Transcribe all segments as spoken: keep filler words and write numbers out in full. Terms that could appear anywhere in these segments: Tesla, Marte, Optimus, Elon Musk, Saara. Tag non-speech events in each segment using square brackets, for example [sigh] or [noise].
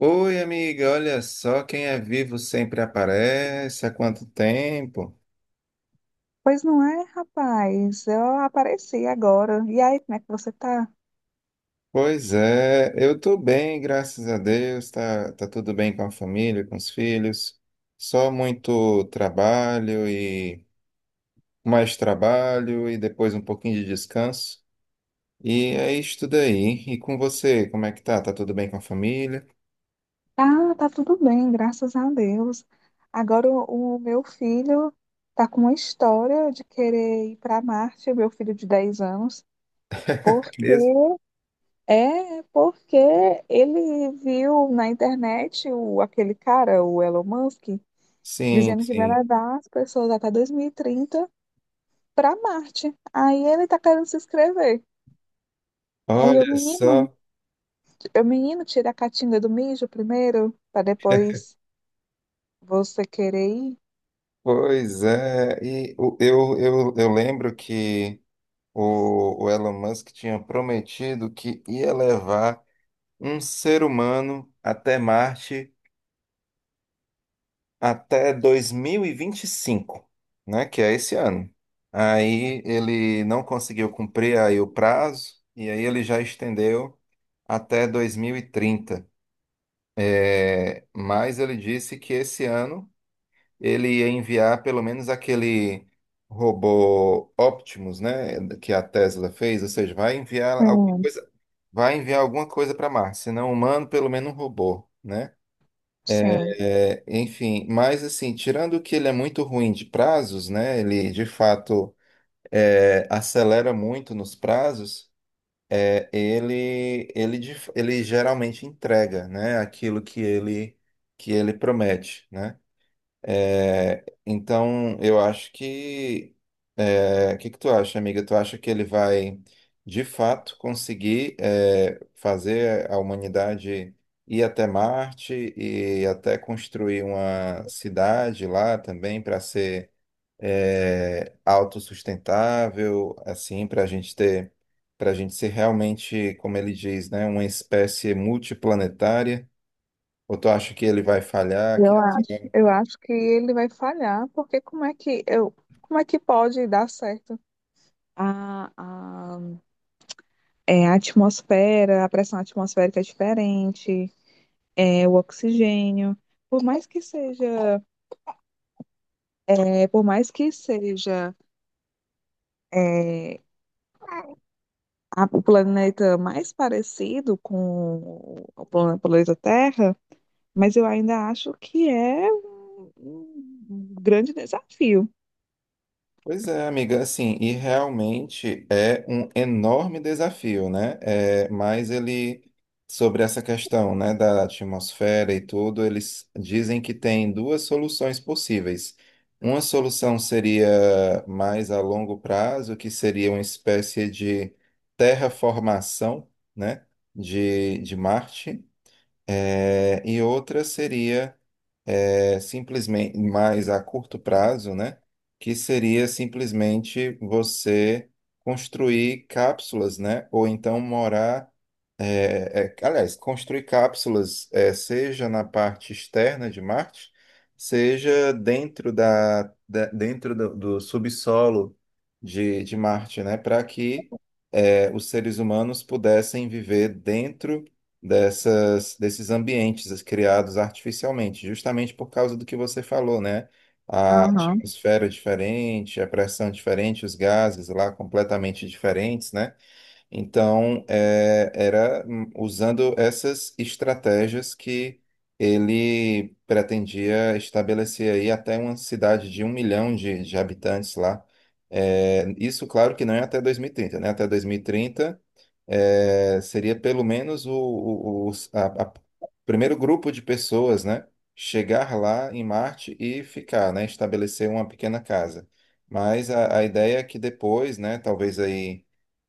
Oi, amiga, olha só, quem é vivo sempre aparece. Há quanto tempo? Pois não é, rapaz? Eu apareci agora. E aí, como é que você tá? Pois é, eu tô bem, graças a Deus. Tá, tá tudo bem com a família, com os filhos. Só muito trabalho e mais trabalho e depois um pouquinho de descanso. E é isso daí. E com você, como é que tá? Tá tudo bem com a família? Tá, tá tudo bem, graças a Deus. Agora o, o meu filho tá com uma história de querer ir para Marte, o meu filho de dez anos, porque Beleza? é porque ele viu na internet o, aquele cara, o Elon Musk, Sim, dizendo que vai sim. levar as pessoas até dois mil e trinta para Marte. Aí ele tá querendo se inscrever. Aí o Olha menino, só, o menino, tira a catinga do mijo primeiro, para depois você querer ir. pois é. E o- eu, eu, eu lembro que. O, o Elon Musk tinha prometido que ia levar um ser humano até Marte até dois mil e vinte e cinco, né? Que é esse ano. Aí ele não conseguiu cumprir aí o prazo, e aí ele já estendeu até dois mil e trinta. É, mas ele disse que esse ano ele ia enviar pelo menos aquele robô Optimus, né, que a Tesla fez, ou seja, vai enviar alguma Sim. coisa, vai enviar alguma coisa para Marte, se não humano, pelo menos um robô, né? Sim. É, enfim, mas assim, tirando que ele é muito ruim de prazos, né? Ele de fato é, acelera muito nos prazos. É, ele, ele, de- ele geralmente entrega, né, aquilo que ele, que ele promete, né? É, então, eu acho que é, o que que tu acha, amiga? Tu acha que ele vai, de fato, conseguir é, fazer a humanidade ir até Marte e até construir uma cidade lá também para ser é, autossustentável, assim, para a gente ter, para a gente ser realmente, como ele diz, né, uma espécie multiplanetária? Ou tu acha que ele vai falhar, que Eu acho, assim, eu acho que ele vai falhar, porque como é que eu, como é que pode dar certo? A, a, é, a atmosfera, a pressão atmosférica é diferente, é, o oxigênio, por mais que seja, é, por mais que seja é, a- o planeta mais parecido com o plan- planeta Terra, mas eu ainda acho que é um, um grande desafio. pois é, amiga, assim, e realmente é um enorme desafio, né? É, mas ele, sobre essa questão, né, da atmosfera e tudo, eles dizem que tem duas soluções possíveis. Uma solução seria mais a longo prazo, que seria uma espécie de terraformação, né, de, de Marte. É, e outra seria é, simplesmente mais a curto prazo, né? Que seria simplesmente você construir cápsulas, né? Ou então morar, é, é, aliás, construir cápsulas, é, seja na parte externa de Marte, seja dentro da, da- dentro do, do subsolo de, de Marte, né? Para que eh, os seres humanos pudessem viver dentro dessas, desses ambientes criados artificialmente, justamente por causa do que você falou, né? A Aham, atmosfera é diferente, a pressão é diferente, os gases lá completamente diferentes, né? Então, é, era hum, usando essas estratégias que ele pretendia estabelecer aí até uma cidade de um milhão de, de habitantes lá. É, isso, claro que não é até dois mil e trinta, né? Até dois mil e trinta é, seria pelo menos o, o, o os- a- a- primeiro grupo de pessoas, né? Chegar lá em Marte e ficar, né? Estabelecer uma pequena casa. Mas a, a ideia é que depois, né? Talvez aí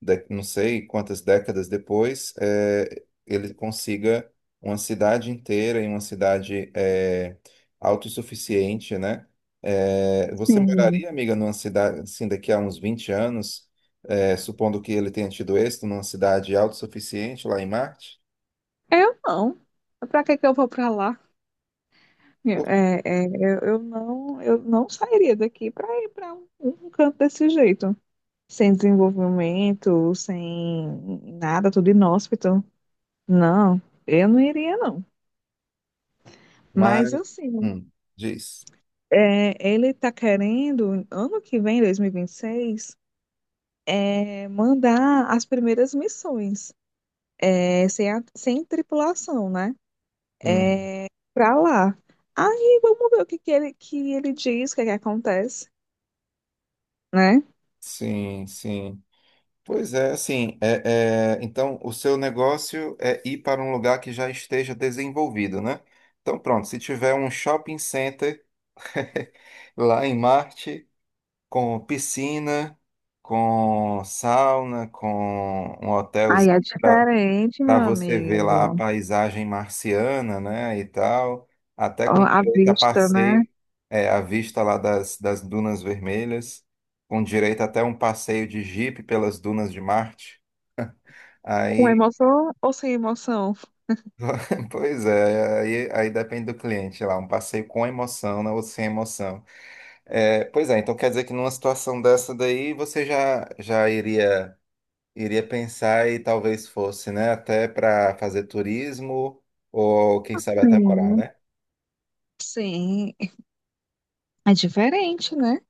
da- não sei quantas décadas depois, eh, ele consiga uma cidade inteira e uma cidade eh, autossuficiente, né? Eh, você sim. moraria, amiga, numa cidade, assim, daqui a uns vinte anos, eh, supondo que ele tenha tido êxito, numa cidade autossuficiente lá em Marte? Eu não. Pra que que eu vou pra lá? É, é, eu, eu não, eu não sairia daqui pra ir pra um, um canto desse jeito. Sem desenvolvimento, sem nada, tudo inóspito. Não, eu não iria, não. Mas Mas, assim, hum, diz. é, ele tá querendo, ano que vem, dois mil e vinte e seis, é, mandar as primeiras missões, é, sem, a- sem tripulação, né? Hum, Pra lá. Aí vamos ver o que que ele, que ele diz, o que que acontece. Né? sim, sim. Pois é, assim, é, é, então o seu negócio é ir para um lugar que já esteja desenvolvido, né? Então pronto, se tiver um shopping center [laughs] lá em Marte, com piscina, com sauna, com um Aí hotelzinho é diferente, para meu você ver lá a amigo. paisagem marciana, né, e tal, até Ó, com a direito a vista, né? passeio, é, a vista lá das, das dunas vermelhas, com direito até um passeio de jipe pelas dunas de Marte. Com Aí, emoção ou sem emoção? [laughs] pois é, aí, aí depende do cliente lá, um passeio com emoção, né, ou sem emoção. É, pois é, então quer dizer que numa situação dessa daí você já, já iria, iria pensar e talvez fosse, né, até para fazer turismo ou quem sabe até morar, Sim. né? Sim, é diferente, né?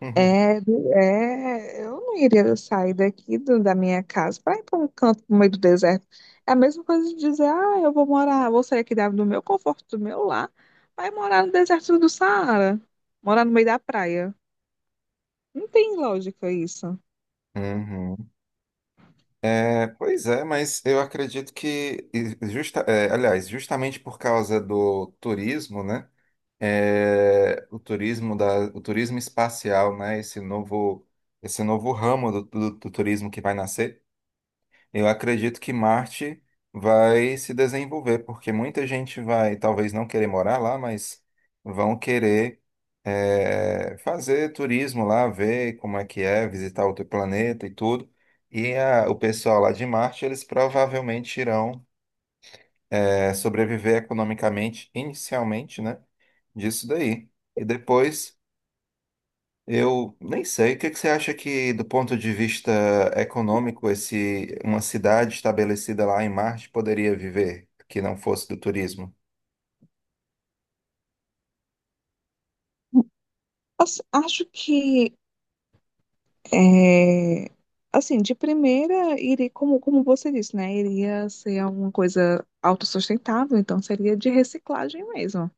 [laughs] É, do- é, eu não iria sair daqui do- da minha casa para ir para um canto no meio do deserto. É a mesma coisa de dizer, ah, eu vou morar, vou sair aqui da- do meu conforto, do meu lar, vai morar no deserto do Saara, morar no meio da praia. Não tem lógica isso. Uhum. É, pois é, mas eu acredito que, e justa, é, aliás, justamente por causa do turismo, né? é, o turismo da, o turismo espacial, né? Esse novo, esse novo ramo do, do, do turismo que vai nascer. Eu acredito que Marte vai se desenvolver, porque muita gente vai, talvez não querer morar lá, mas vão querer é, fazer turismo lá, ver como é que é, visitar outro planeta e tudo. E a- o pessoal lá de Marte, eles provavelmente irão é, sobreviver economicamente, inicialmente, né? Disso daí. E depois eu nem sei. O que é que você acha que, do ponto de vista econômico, esse, uma cidade estabelecida lá em Marte poderia viver que não fosse do turismo? Assim, acho que É, assim, de primeira, iria, como, como você disse, né? Iria ser alguma coisa autossustentável, então seria de reciclagem mesmo,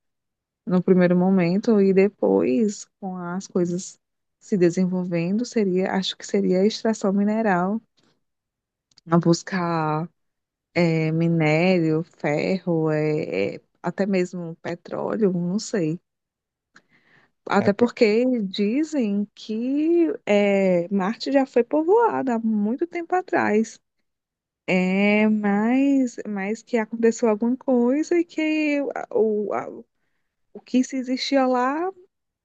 no primeiro momento, e depois, com as coisas se desenvolvendo, seria, acho que seria a extração mineral, a buscar é, minério, ferro, é, é, até mesmo petróleo, não sei. É. Até pra- porque dizem que é, Marte já foi povoada há muito tempo atrás. É, mas, mas que aconteceu alguma coisa e que o, a- o que se existia lá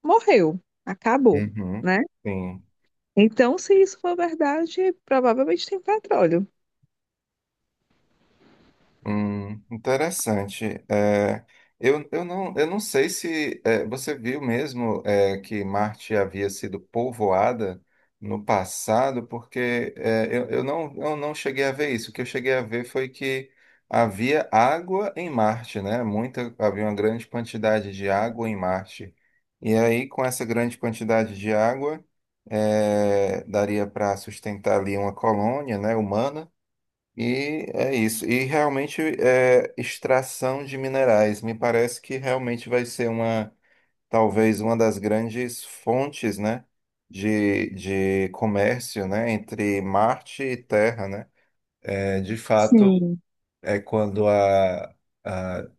morreu, acabou, Uhum, né? sim. Então, se isso for verdade, provavelmente tem petróleo. Hum, interessante. É, eu, eu não, eu não sei se é, você viu mesmo é, que Marte havia sido povoada no passado, porque é, eu, eu não, eu não cheguei a ver isso. O que eu cheguei a ver foi que havia água em Marte, né? Muita, havia uma grande quantidade de água em Marte. E aí, com essa grande quantidade de água, é, daria para sustentar ali uma colônia, né, humana. E é isso. E realmente é extração de minerais. Me parece que realmente vai ser uma, talvez uma das grandes fontes, né, de, de comércio, né, entre Marte e Terra, né? É, de fato, Sim. é quando a, a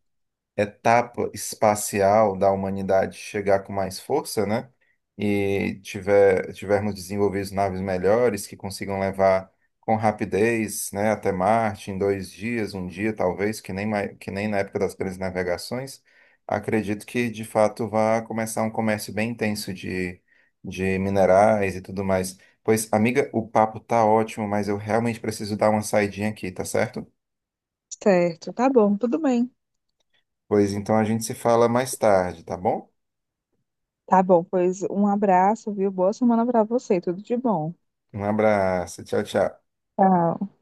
etapa espacial da humanidade chegar com mais força, né? E tiver, tivermos desenvolvido naves melhores que consigam levar com rapidez, né, até Marte em dois dias, um dia talvez, que nem, mai- que nem na época das grandes navegações, acredito que de fato vai começar um comércio bem intenso de, de minerais e tudo mais. Pois, amiga, o papo tá ótimo, mas eu realmente preciso dar uma saidinha aqui, tá certo? Certo, tá bom, tudo bem. Pois então a gente se fala mais tarde, tá bom? Tá bom, pois um abraço, viu? Boa semana pra você, tudo de bom. Um abraço. Tchau, tchau. Tchau.